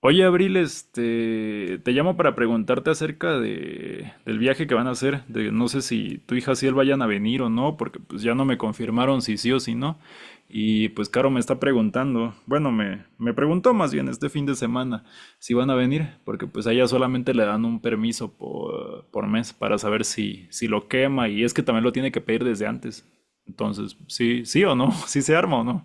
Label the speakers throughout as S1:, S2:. S1: Oye, Abril, te llamo para preguntarte acerca del viaje que van a hacer. De, no sé si tu hija Ciel vayan a venir o no, porque pues ya no me confirmaron si sí o si no. Y pues Caro me está preguntando, bueno, me preguntó más bien este fin de semana si van a venir, porque pues a ella solamente le dan un permiso por mes para saber si lo quema y es que también lo tiene que pedir desde antes. Entonces, sí, sí o no, si se arma o no.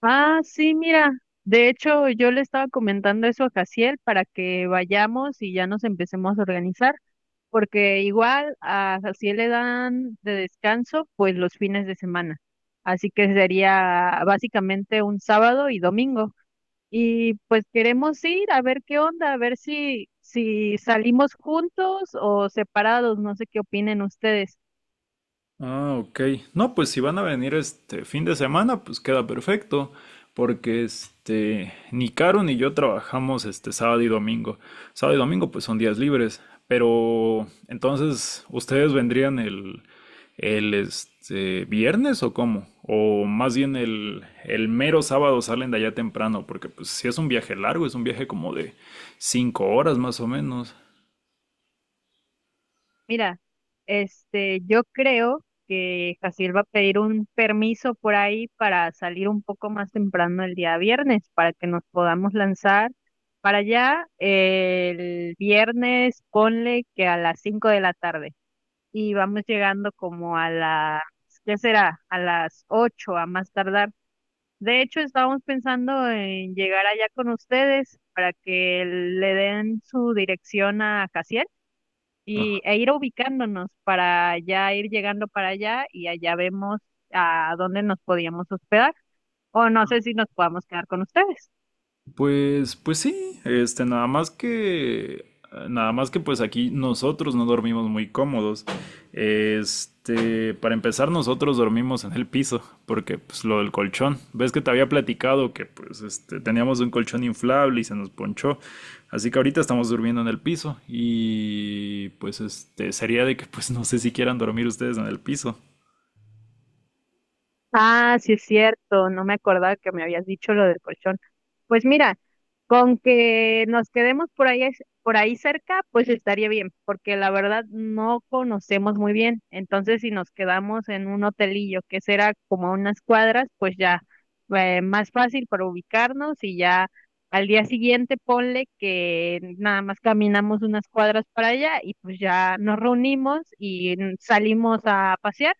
S2: Ah, sí, mira. De hecho, yo le estaba comentando eso a Jaciel para que vayamos y ya nos empecemos a organizar, porque igual a Jaciel le dan de descanso pues los fines de semana. Así que sería básicamente un sábado y domingo. Y pues queremos ir a ver qué onda, a ver si, si salimos juntos o separados, no sé qué opinen ustedes.
S1: Ah, ok. No, pues si van a venir este fin de semana, pues queda perfecto, porque ni Caro ni yo trabajamos este sábado y domingo. Sábado y domingo pues son días libres, pero entonces ustedes vendrían el viernes o cómo? O más bien el mero sábado salen de allá temprano, porque pues si es un viaje largo, es un viaje como de 5 horas más o menos.
S2: Mira, yo creo que Jaciel va a pedir un permiso por ahí para salir un poco más temprano el día viernes, para que nos podamos lanzar para allá el viernes, ponle que a las 5 de la tarde. Y vamos llegando como a las, ¿qué será? A las 8 a más tardar. De hecho, estábamos pensando en llegar allá con ustedes para que le den su dirección a Jaciel y, e ir ubicándonos para ya ir llegando para allá y allá vemos a dónde nos podíamos hospedar. O no sé si nos podamos quedar con ustedes.
S1: Pues sí, nada más que pues aquí nosotros no dormimos muy cómodos. Para empezar nosotros dormimos en el piso, porque pues lo del colchón. Ves que te había platicado que pues teníamos un colchón inflable y se nos ponchó. Así que ahorita estamos durmiendo en el piso y pues sería de que pues no sé si quieran dormir ustedes en el piso.
S2: Ah, sí es cierto, no me acordaba que me habías dicho lo del colchón. Pues mira, con que nos quedemos por ahí, por ahí cerca, pues estaría bien, porque la verdad no conocemos muy bien. Entonces, si nos quedamos en un hotelillo que será como a unas cuadras, pues ya más fácil para ubicarnos y ya al día siguiente ponle que nada más caminamos unas cuadras para allá y pues ya nos reunimos y salimos a pasear.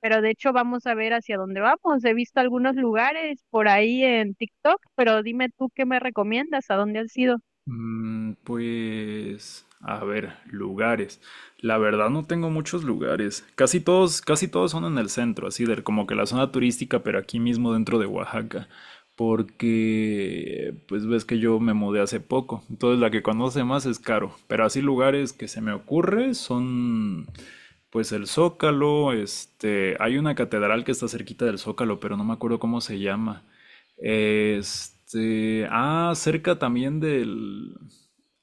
S2: Pero de hecho vamos a ver hacia dónde vamos. He visto algunos lugares por ahí en TikTok, pero dime tú qué me recomiendas, a dónde has ido.
S1: Mm, pues, a ver, lugares. La verdad no tengo muchos lugares. Casi todos son en el centro, así de como que la zona turística, pero aquí mismo dentro de Oaxaca. Porque, pues ves que yo me mudé hace poco. Entonces la que conoce más es Caro. Pero así lugares que se me ocurre son, pues el Zócalo, hay una catedral que está cerquita del Zócalo, pero no me acuerdo cómo se llama. Cerca también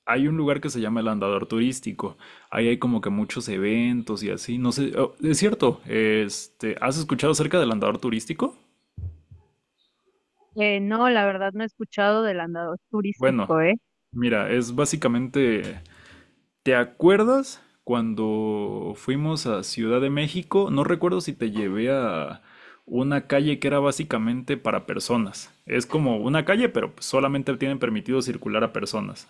S1: Hay un lugar que se llama el Andador Turístico. Ahí hay como que muchos eventos y así. No sé, oh, es cierto. ¿Has escuchado acerca del Andador Turístico?
S2: No, la verdad no he escuchado del andador
S1: Bueno,
S2: turístico, ¿eh?
S1: mira, es básicamente... ¿Te acuerdas cuando fuimos a Ciudad de México? No recuerdo si te llevé a una calle que era básicamente para personas. Es como una calle, pero solamente tienen permitido circular a personas.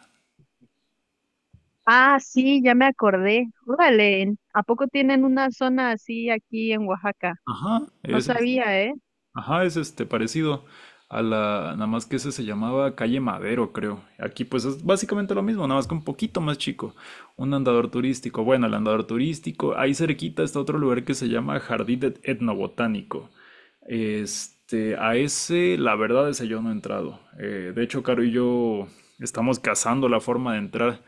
S2: Ah, sí, ya me acordé. Órale, ¿a poco tienen una zona así aquí en Oaxaca?
S1: Ajá,
S2: No
S1: es, es-
S2: sabía, ¿eh?
S1: ajá, es este parecido a la, nada más que ese se llamaba Calle Madero, creo. Aquí pues es básicamente lo mismo, nada más que un poquito más chico. Un andador turístico. Bueno, el andador turístico, ahí cerquita está otro lugar que se llama Etnobotánico. Este, a ese, la verdad, Ese yo no he entrado. De hecho, Caro y yo estamos cazando la forma de entrar.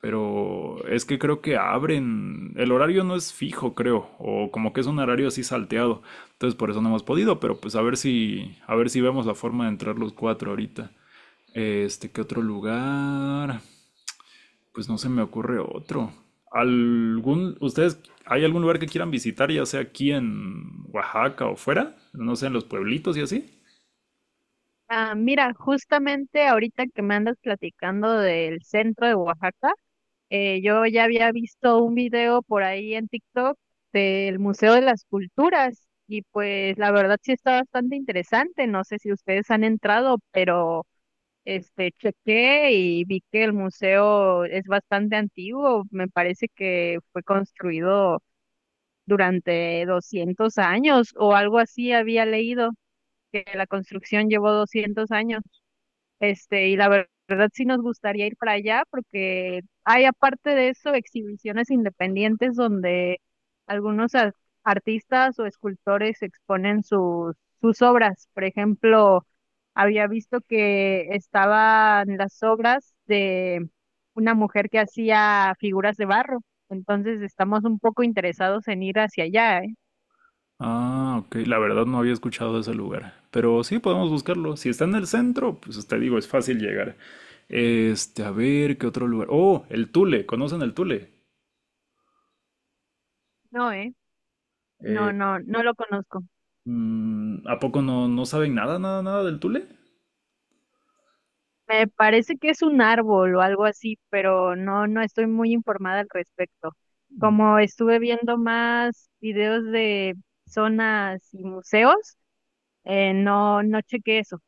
S1: Pero es que creo que abren, el horario no es fijo, creo, o como que es un horario así salteado. Entonces por eso no hemos podido, pero pues a ver si vemos la forma de entrar los cuatro ahorita. ¿Qué otro lugar? Pues no se me ocurre otro. ¿Algún, ustedes, hay algún lugar que quieran visitar, ya sea aquí en Oaxaca o fuera? No sé, en los pueblitos y así.
S2: Ah, mira, justamente ahorita que me andas platicando del centro de Oaxaca, yo ya había visto un video por ahí en TikTok del Museo de las Culturas y pues la verdad sí está bastante interesante. No sé si ustedes han entrado, pero chequé y vi que el museo es bastante antiguo. Me parece que fue construido durante 200 años o algo así había leído que la construcción llevó 200 años. Y la verdad sí nos gustaría ir para allá porque hay aparte de eso exhibiciones independientes donde algunos artistas o escultores exponen sus obras. Por ejemplo, había visto que estaban las obras de una mujer que hacía figuras de barro. Entonces estamos un poco interesados en ir hacia allá, ¿eh?
S1: Ah, ok. La verdad no había escuchado de ese lugar. Pero sí podemos buscarlo. Si está en el centro, pues te digo, es fácil llegar. A ver, ¿qué otro lugar? Oh, el Tule. ¿Conocen el Tule?
S2: No, ¿eh? No,
S1: Eh,
S2: no, no lo conozco.
S1: mm, ¿a poco no saben nada del Tule?
S2: Me parece que es un árbol o algo así, pero no estoy muy informada al respecto. Como estuve viendo más videos de zonas y museos, no chequé eso.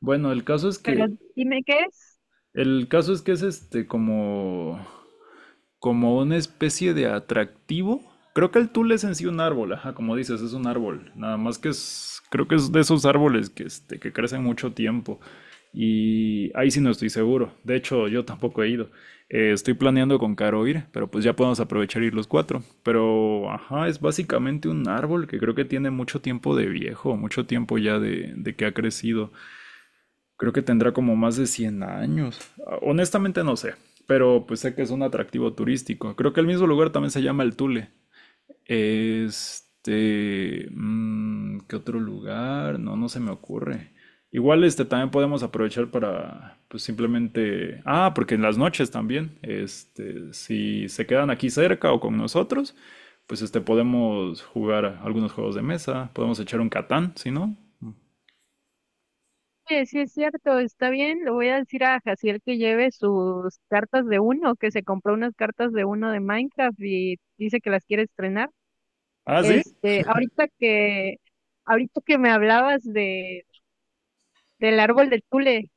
S1: Bueno, el caso es
S2: Pero
S1: que.
S2: dime qué es.
S1: El caso es que es como una especie de atractivo. Creo que el tul es en sí un árbol, ajá, como dices, es un árbol. Nada más que es, Creo que es de esos árboles que, que crecen mucho tiempo. Y ahí sí no estoy seguro. De hecho, yo tampoco he ido. Estoy planeando con Caro ir, pero pues ya podemos aprovechar ir los cuatro. Pero, ajá, es básicamente un árbol que creo que tiene mucho tiempo de viejo, mucho tiempo ya de que ha crecido. Creo que tendrá como más de 100 años. Ah, honestamente no sé, pero pues sé que es un atractivo turístico. Creo que el mismo lugar también se llama el Tule. ¿Qué otro lugar? No, no se me ocurre. Igual este también podemos aprovechar para pues simplemente, ah, porque en las noches también, si se quedan aquí cerca o con nosotros, pues podemos jugar algunos juegos de mesa, podemos echar un Catán, si no.
S2: Oye, sí es cierto, está bien. Le voy a decir a Jaciel que lleve sus cartas de uno, que se compró unas cartas de uno de Minecraft y dice que las quiere estrenar.
S1: Ah, sí.
S2: Este, ahorita que, ahorita que me hablabas del árbol de Tule.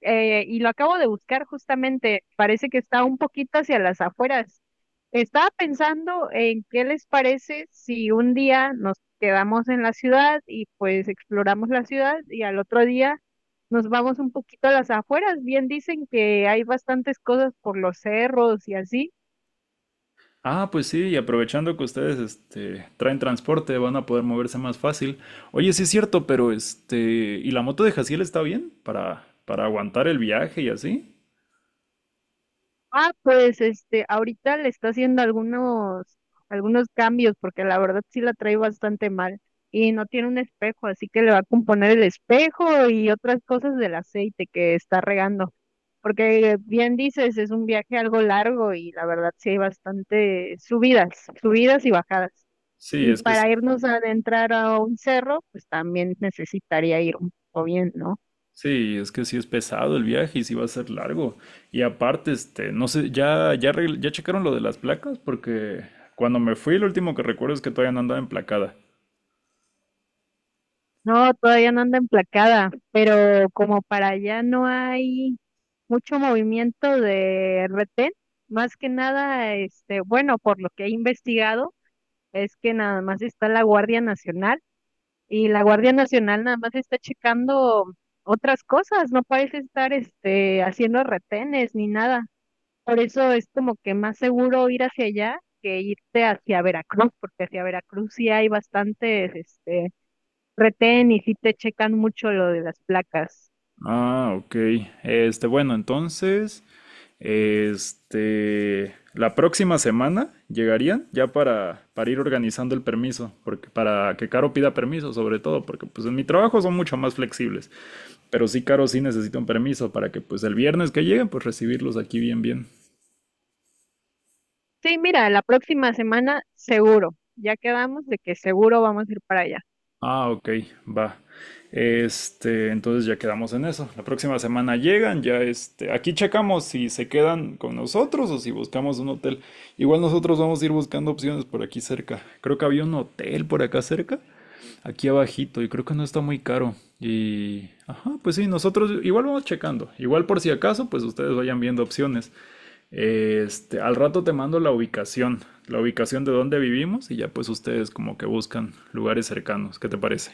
S2: Y lo acabo de buscar justamente, parece que está un poquito hacia las afueras. Estaba pensando en qué les parece si un día nos quedamos en la ciudad y pues exploramos la ciudad y al otro día nos vamos un poquito a las afueras. Bien dicen que hay bastantes cosas por los cerros y así.
S1: Ah, pues sí, y aprovechando que ustedes traen transporte, van a poder moverse más fácil. Oye, sí es cierto, pero ¿y la moto de Jaciel está bien para aguantar el viaje y así?
S2: Ah, pues ahorita le está haciendo algunos cambios, porque la verdad sí la trae bastante mal. Y no tiene un espejo, así que le va a componer el espejo y otras cosas del aceite que está regando. Porque bien dices, es un viaje algo largo y la verdad sí hay bastante subidas, subidas y bajadas.
S1: Sí,
S2: Y para irnos a adentrar a un cerro, pues también necesitaría ir un poco bien, ¿no?
S1: es que sí es pesado el viaje y sí va a ser largo. Y aparte, no sé, ya checaron lo de las placas, porque cuando me fui, lo último que recuerdo es que todavía no andaba emplacada.
S2: No, todavía no anda emplacada, pero como para allá no hay mucho movimiento de retén. Más que nada, bueno, por lo que he investigado, es que nada más está la Guardia Nacional y la Guardia Nacional nada más está checando otras cosas, no parece estar haciendo retenes ni nada. Por eso es como que más seguro ir hacia allá que irte hacia Veracruz, porque hacia Veracruz sí hay bastantes retén y sí te checan mucho lo de las placas.
S1: Ah, ok. Entonces, la próxima semana llegarían ya para ir organizando el permiso, porque para que Caro pida permiso, sobre todo, porque pues en mi trabajo son mucho más flexibles, pero sí, Caro sí necesita un permiso para que pues el viernes que lleguen, pues recibirlos aquí bien.
S2: Sí, mira, la próxima semana seguro. Ya quedamos de que seguro vamos a ir para allá.
S1: Ah, ok, va. Entonces ya quedamos en eso. La próxima semana llegan, ya aquí checamos si se quedan con nosotros o si buscamos un hotel. Igual nosotros vamos a ir buscando opciones por aquí cerca. Creo que había un hotel por acá cerca aquí abajito y creo que no está muy caro. Y, ajá, pues sí, nosotros igual vamos checando. Igual por si acaso, pues ustedes vayan viendo opciones. Al rato te mando la ubicación de donde vivimos y ya pues ustedes como que buscan lugares cercanos. ¿Qué te parece?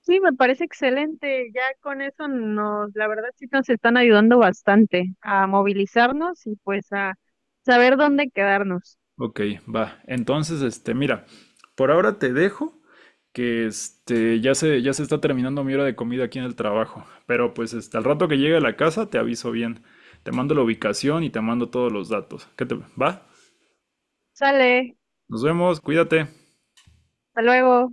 S2: Sí, me parece excelente. Ya con eso nos, la verdad sí nos están ayudando bastante a movilizarnos y pues a saber dónde quedarnos.
S1: Ok, va. Entonces, mira, por ahora te dejo, que ya se está terminando mi hora de comida aquí en el trabajo. Pero pues al rato que llegue a la casa te aviso bien. Te mando la ubicación y te mando todos los datos. ¿Qué te va?
S2: Sale,
S1: Nos vemos, cuídate.
S2: hasta luego.